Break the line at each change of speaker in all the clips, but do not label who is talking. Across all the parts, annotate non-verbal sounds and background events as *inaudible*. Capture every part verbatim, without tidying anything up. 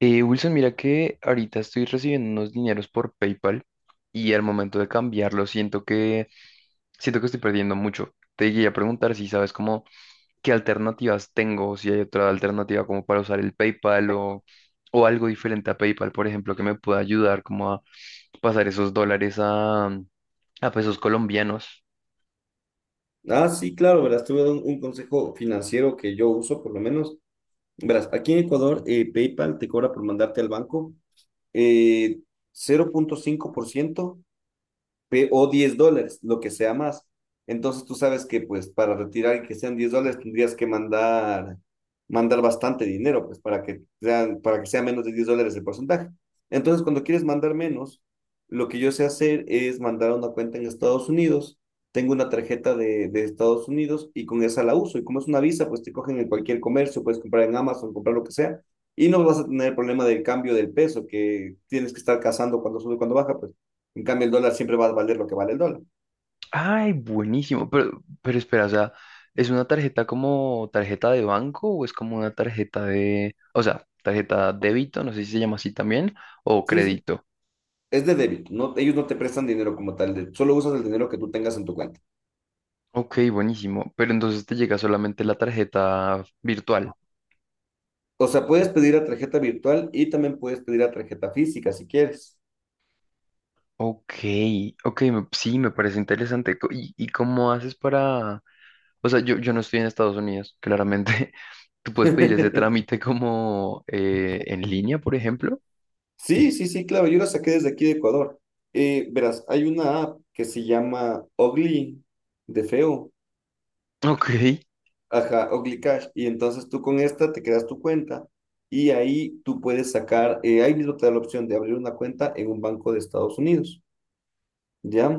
Eh, Wilson, mira que ahorita estoy recibiendo unos dineros por PayPal y al momento de cambiarlo siento que siento que estoy perdiendo mucho. Te quería preguntar si sabes como qué alternativas tengo, o si hay otra alternativa como para usar el PayPal o, o algo diferente a PayPal, por ejemplo, que me pueda ayudar como a pasar esos dólares a, a pesos colombianos.
Ah, sí, claro, verás, te voy a dar un, un consejo financiero que yo uso, por lo menos. Verás, aquí en Ecuador, eh, PayPal te cobra por mandarte al banco eh, cero punto cinco por ciento o diez dólares, lo que sea más. Entonces tú sabes que pues para retirar y que sean diez dólares tendrías que mandar, mandar bastante dinero, pues para que, sean, para que sea menos de diez dólares el porcentaje. Entonces cuando quieres mandar menos, lo que yo sé hacer es mandar a una cuenta en Estados Unidos. Tengo una tarjeta de, de Estados Unidos y con esa la uso. Y como es una visa, pues te cogen en cualquier comercio, puedes comprar en Amazon, comprar lo que sea. Y no vas a tener el problema del cambio del peso, que tienes que estar cazando cuando sube, cuando baja, pues en cambio, el dólar siempre va a valer lo que vale el dólar.
Ay, buenísimo. Pero, pero espera, o sea, ¿es una tarjeta como tarjeta de banco o es como una tarjeta de, o sea, tarjeta débito, no sé si se llama así también, o
Sí, sí.
crédito?
Es de débito. No, ellos no te prestan dinero como tal. de- Solo usas el dinero que tú tengas en tu cuenta.
Ok, buenísimo. Pero entonces te llega solamente la tarjeta virtual.
O sea, puedes pedir a tarjeta virtual y también puedes pedir a tarjeta física si quieres.
Ok, ok, me- sí, me parece interesante. Co- ¿Y, y cómo haces para...? O sea, yo, yo no estoy en Estados Unidos, claramente. *laughs* ¿Tú puedes pedir ese
*laughs*
trámite como eh, en línea, por ejemplo?
Sí, sí, sí, claro. Yo la saqué desde aquí de Ecuador. Eh, verás, hay una app que se llama Ogli, de feo.
Ok.
Ajá, Ogli Cash. Y entonces tú con esta te creas tu cuenta y ahí tú puedes sacar, eh, ahí mismo te da la opción de abrir una cuenta en un banco de Estados Unidos. ¿Ya?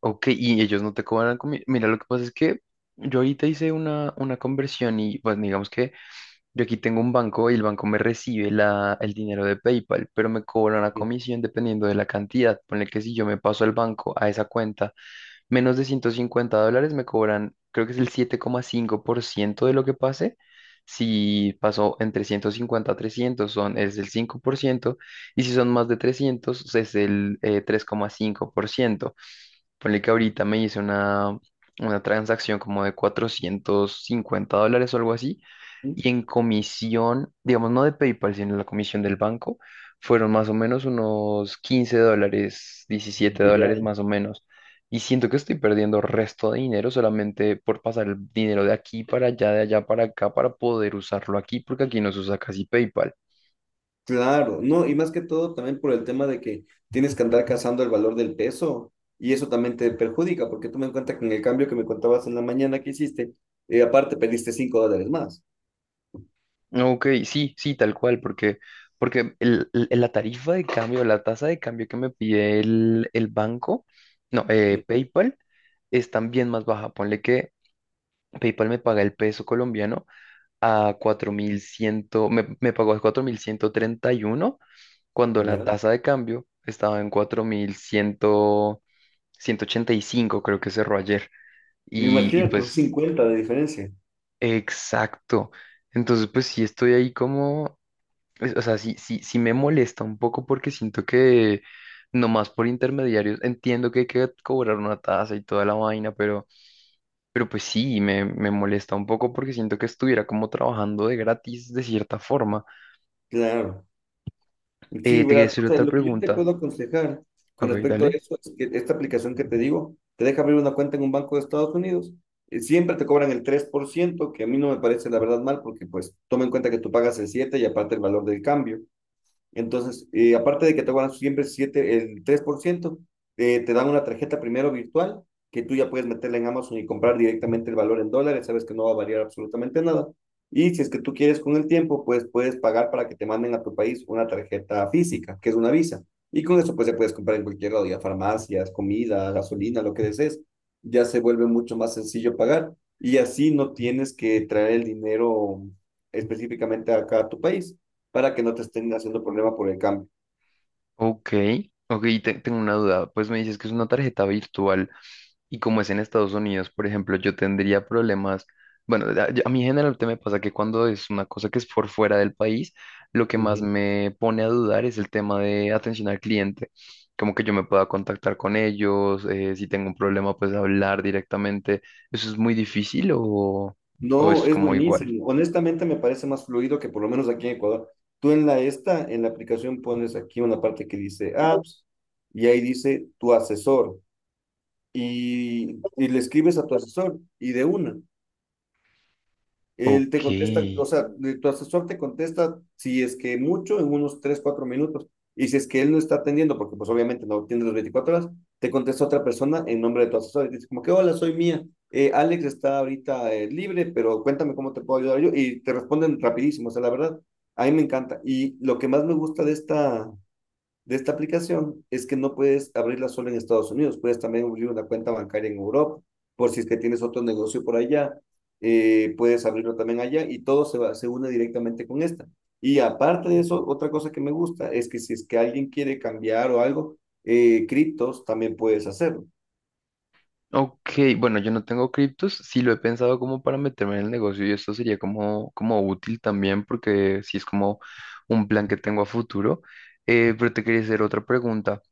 Ok, y ellos no te cobran comida. Mira, lo que pasa es que yo ahorita hice una, una conversión y pues digamos que yo aquí tengo un banco y el banco me recibe la, el dinero de PayPal, pero me cobra una comisión dependiendo de la cantidad. Ponle que si yo me paso al banco a esa cuenta menos de ciento cincuenta dólares, me cobran, creo que es el siete coma cinco por ciento de lo que pase. Si pasó entre ciento cincuenta a trescientos son, es el cinco por ciento y si son más de trescientos es el eh, tres coma cinco por ciento. Ponle que ahorita me hice una, una transacción como de cuatrocientos cincuenta dólares o algo así.
Ujú.
Y en comisión, digamos, no de PayPal, sino la comisión del banco, fueron más o menos unos quince dólares, diecisiete
de ya.
dólares
y-
más o menos. Y siento que estoy perdiendo resto de dinero solamente por pasar el dinero de aquí para allá, de allá para acá, para poder usarlo aquí, porque aquí no se usa casi PayPal.
Claro, no, y más que todo también por el tema de que tienes que andar cazando el valor del peso y eso también te perjudica, porque toma en cuenta que en el cambio que me contabas en la mañana que hiciste, eh, aparte perdiste cinco dólares más.
Ok, sí, sí, tal cual, porque, porque el- el- la tarifa de cambio, la tasa de cambio que me pide el, el banco, no, eh,
Ujú.
PayPal, es también más baja. Ponle que PayPal me paga el peso colombiano a cuatro mil cien, me, me pagó a cuatro mil ciento treinta y uno cuando la
Ya.
tasa de cambio estaba en cuatro mil cien, ciento ochenta y cinco creo que cerró ayer. Y, y
Imagínate, son
pues,
cincuenta de diferencia.
exacto. Entonces, pues sí estoy ahí como, es- o sea, sí, sí, sí me molesta un poco porque siento que nomás por intermediarios entiendo que hay que cobrar una tasa y toda la vaina, pero, pero pues sí, me, me molesta un poco porque siento que estuviera como trabajando de gratis de cierta forma.
Claro.
Eh,
Sí,
te quería
¿verdad?
hacer
O sea,
otra
lo que yo te
pregunta.
puedo aconsejar con
Ok,
respecto a
dale.
eso es que esta aplicación que te digo te deja abrir una cuenta en un banco de Estados Unidos. eh, Siempre te cobran el tres por ciento, que a mí no me parece la verdad mal, porque pues toma en cuenta que tú pagas el siete y aparte el valor del cambio. Entonces, eh, aparte de que te van a siempre siete, el tres por ciento, eh, te dan una tarjeta primero virtual que tú ya puedes meterla en Amazon y comprar directamente el valor en dólares, sabes que no va a variar absolutamente nada. Y si es que tú quieres con el tiempo, pues puedes pagar para que te manden a tu país una tarjeta física, que es una visa. Y con eso pues ya puedes comprar en cualquier lado, ya farmacias, comida, gasolina, lo que desees. Ya se vuelve mucho más sencillo pagar y así no tienes que traer el dinero específicamente acá a tu país para que no te estén haciendo problema por el cambio.
Ok, ok, te- tengo una duda. Pues me dices que es una tarjeta virtual. Y como es en Estados Unidos, por ejemplo, yo tendría problemas. Bueno, a, yo- a mí generalmente me pasa que cuando es una cosa que es por fuera del país, lo que más
Ujú.
me pone a dudar es el tema de atención al cliente. Como que yo me pueda contactar con ellos, eh, si tengo un problema, pues hablar directamente. ¿Eso es muy difícil o, o
No,
es
es
como igual?
buenísimo. Honestamente me parece más fluido que por lo menos aquí en Ecuador. Tú en la esta, en la aplicación pones aquí una parte que dice apps y ahí dice tu asesor y, y le escribes a tu asesor y de una. Él te
Ok.
contesta, o sea, de- tu asesor te contesta si es que mucho en unos tres cuatro minutos. Y si es que él no está atendiendo, porque pues obviamente no atiende las veinticuatro horas, te contesta otra persona en nombre de tu asesor. Y dice como que, hola, soy Mía. Eh, Alex está ahorita eh, libre, pero cuéntame cómo te puedo ayudar yo. Y te responden rapidísimo, o sea, la verdad, a mí me encanta. Y lo que más me gusta de esta, de esta aplicación es que no puedes abrirla solo en Estados Unidos, puedes también abrir una cuenta bancaria en Europa, por si es que tienes otro negocio por allá, eh, puedes abrirlo también allá y todo se, va, se une directamente con esta. Y aparte de eso, otra cosa que me gusta es que si es que alguien quiere cambiar o algo, eh, criptos también puedes hacerlo.
Ok, bueno, yo no tengo criptos, sí lo he pensado como para meterme en el negocio y esto sería como, como útil también porque sí es como un plan que tengo a futuro. Eh, pero te quería hacer otra pregunta.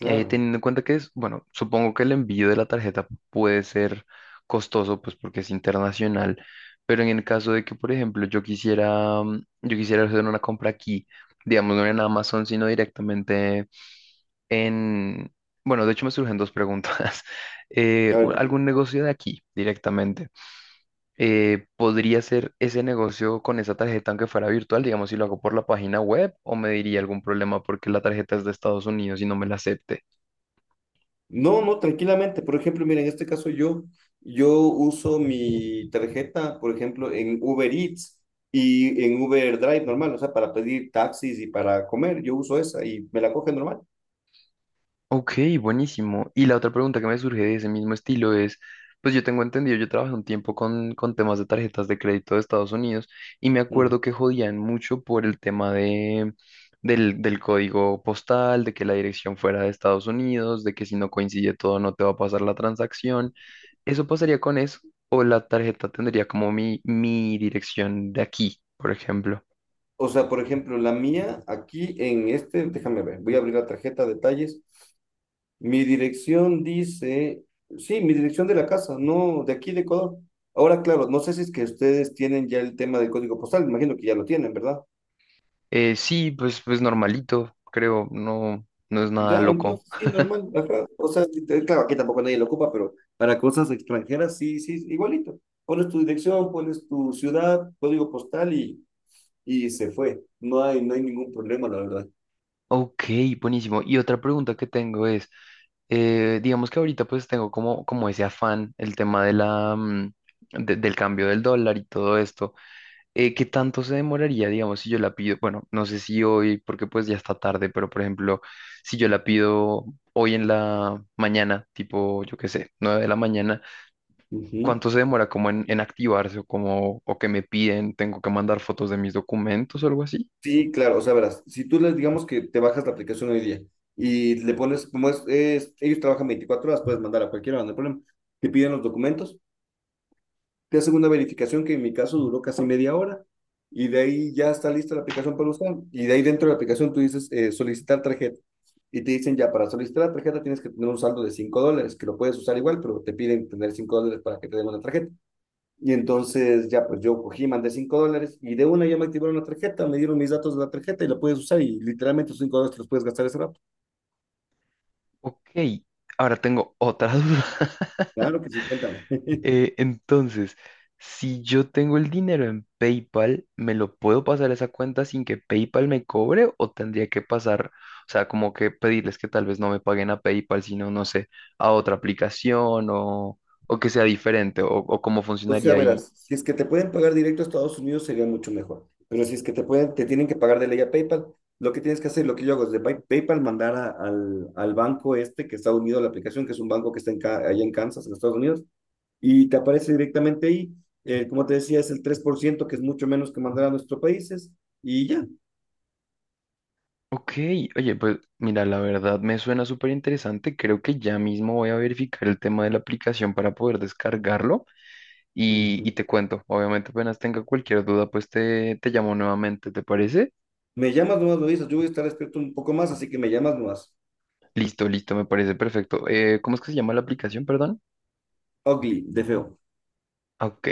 Eh, teniendo en cuenta que es, bueno, supongo que el envío de la tarjeta puede ser costoso, pues porque es internacional, pero en el caso de que, por ejemplo, yo quisiera, mm, yo quisiera hacer una compra aquí, digamos, no en Amazon, sino directamente en, bueno, de hecho me surgen dos preguntas. *laughs* Eh,
A
u-
ver,
¿algún negocio de aquí directamente? Eh, ¿podría ser ese negocio con esa tarjeta aunque fuera virtual? Digamos, si lo hago por la página web o me diría algún problema porque la tarjeta es de Estados Unidos y no me la acepte.
no, no, tranquilamente. Por ejemplo, mira, en este caso yo, yo uso mi tarjeta, por ejemplo, en Uber Eats y en Uber Drive normal, o sea, para pedir taxis y para comer, yo uso esa y me la coge normal.
Ok, buenísimo. Y la otra pregunta que me surge de ese mismo estilo es, pues yo tengo entendido, yo trabajé un tiempo con, con, temas de tarjetas de crédito de Estados Unidos y me
Ujú.
acuerdo que jodían mucho por el tema de, del, del código postal, de que la dirección fuera de Estados Unidos, de que si no coincide todo no te va a pasar la transacción. ¿Eso pasaría con eso? ¿O la tarjeta tendría como mi, mi dirección de aquí, por ejemplo?
O sea, por ejemplo, la mía aquí en este, déjame ver, voy a abrir la tarjeta, detalles. Mi dirección dice, sí, mi dirección de la casa, no, de aquí de Ecuador. Ahora, claro, no sé si es que ustedes tienen ya el tema del código postal, me imagino que ya lo tienen, ¿verdad?
Eh, sí, pues, pues normalito, creo, no, no es nada
Ya,
loco.
entonces sí, normal. Ajá. O sea, sí, te- claro, aquí tampoco nadie lo ocupa, pero para cosas extranjeras sí, sí, igualito. Pones tu dirección, pones tu ciudad, código postal y, y se fue. No hay, no hay ningún problema, la verdad.
Ok, buenísimo. Y otra pregunta que tengo es, eh, digamos que ahorita pues tengo como, como ese afán, el tema de la, mm, de- del cambio del dólar y todo esto. Eh, ¿qué tanto se demoraría, digamos, si yo la pido? Bueno, no sé si hoy, porque pues ya está tarde, pero por ejemplo, si yo la pido hoy en la mañana, tipo, yo qué sé, nueve de la mañana,
Ujú.
¿cuánto se demora como en, en activarse o como, o que me piden, tengo que mandar fotos de mis documentos o algo así?
Sí, claro, o sea, verás, si tú les digamos que te bajas la aplicación hoy día y le pones, como es, es- ellos trabajan veinticuatro horas, puedes mandar a cualquiera, no hay problema. Te piden los documentos, te hacen una verificación que en mi caso duró casi media hora y de ahí ya está lista la aplicación para usar. Y de ahí dentro de la aplicación tú dices eh, solicitar tarjeta y te dicen ya para solicitar la tarjeta tienes que tener un saldo de cinco dólares, que lo puedes usar igual, pero te piden tener cinco dólares para que te den una tarjeta. Y entonces ya pues yo cogí, mandé cinco dólares y de una ya me activaron la tarjeta, me dieron mis datos de la tarjeta y la puedes usar y literalmente esos cinco dólares te los puedes gastar ese rato.
Ok, ahora tengo otra *laughs* duda.
Claro que sí, cuéntame.
Eh, entonces, si yo tengo el dinero en PayPal, ¿me lo puedo pasar a esa cuenta sin que PayPal me cobre o tendría que pasar, o sea, como que pedirles que tal vez no me paguen a PayPal, sino, no sé, a otra aplicación o, o que sea diferente o, o cómo
O sea,
funcionaría ahí?
verás, si es que te pueden pagar directo a Estados Unidos sería mucho mejor. Pero si es que te pueden, te tienen que pagar de ley a PayPal, lo que tienes que hacer, lo que yo hago es de Pay- PayPal mandar a- al, al banco este que está unido a la aplicación, que es un banco que está en, Ca- allá en Kansas, en Estados Unidos, y te aparece directamente ahí. Eh, como te decía, es el tres por ciento que es mucho menos que mandar a nuestros países, y ya.
Ok, oye, pues mira, la verdad me suena súper interesante. Creo que ya mismo voy a verificar el tema de la aplicación para poder descargarlo y, y
Ujú.
te cuento. Obviamente apenas tenga cualquier duda, pues te, te llamo nuevamente, ¿te parece?
Me llamas nomás, me dices, yo voy a estar despierto un poco más, así que me llamas nomás.
Listo, listo, me parece perfecto. Eh, ¿cómo es que se llama la aplicación, perdón?
Ugly, de feo.
Ah, Ok,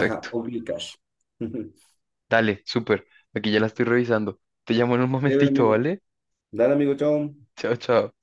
Ajá, ugly cash. *laughs* Ujú.
Dale, súper. Aquí ya la estoy revisando. Te llamo en un *laughs*
Chévere,
momentito,
amigo.
¿vale?
Dale, amigo, chao.
Chao, chao.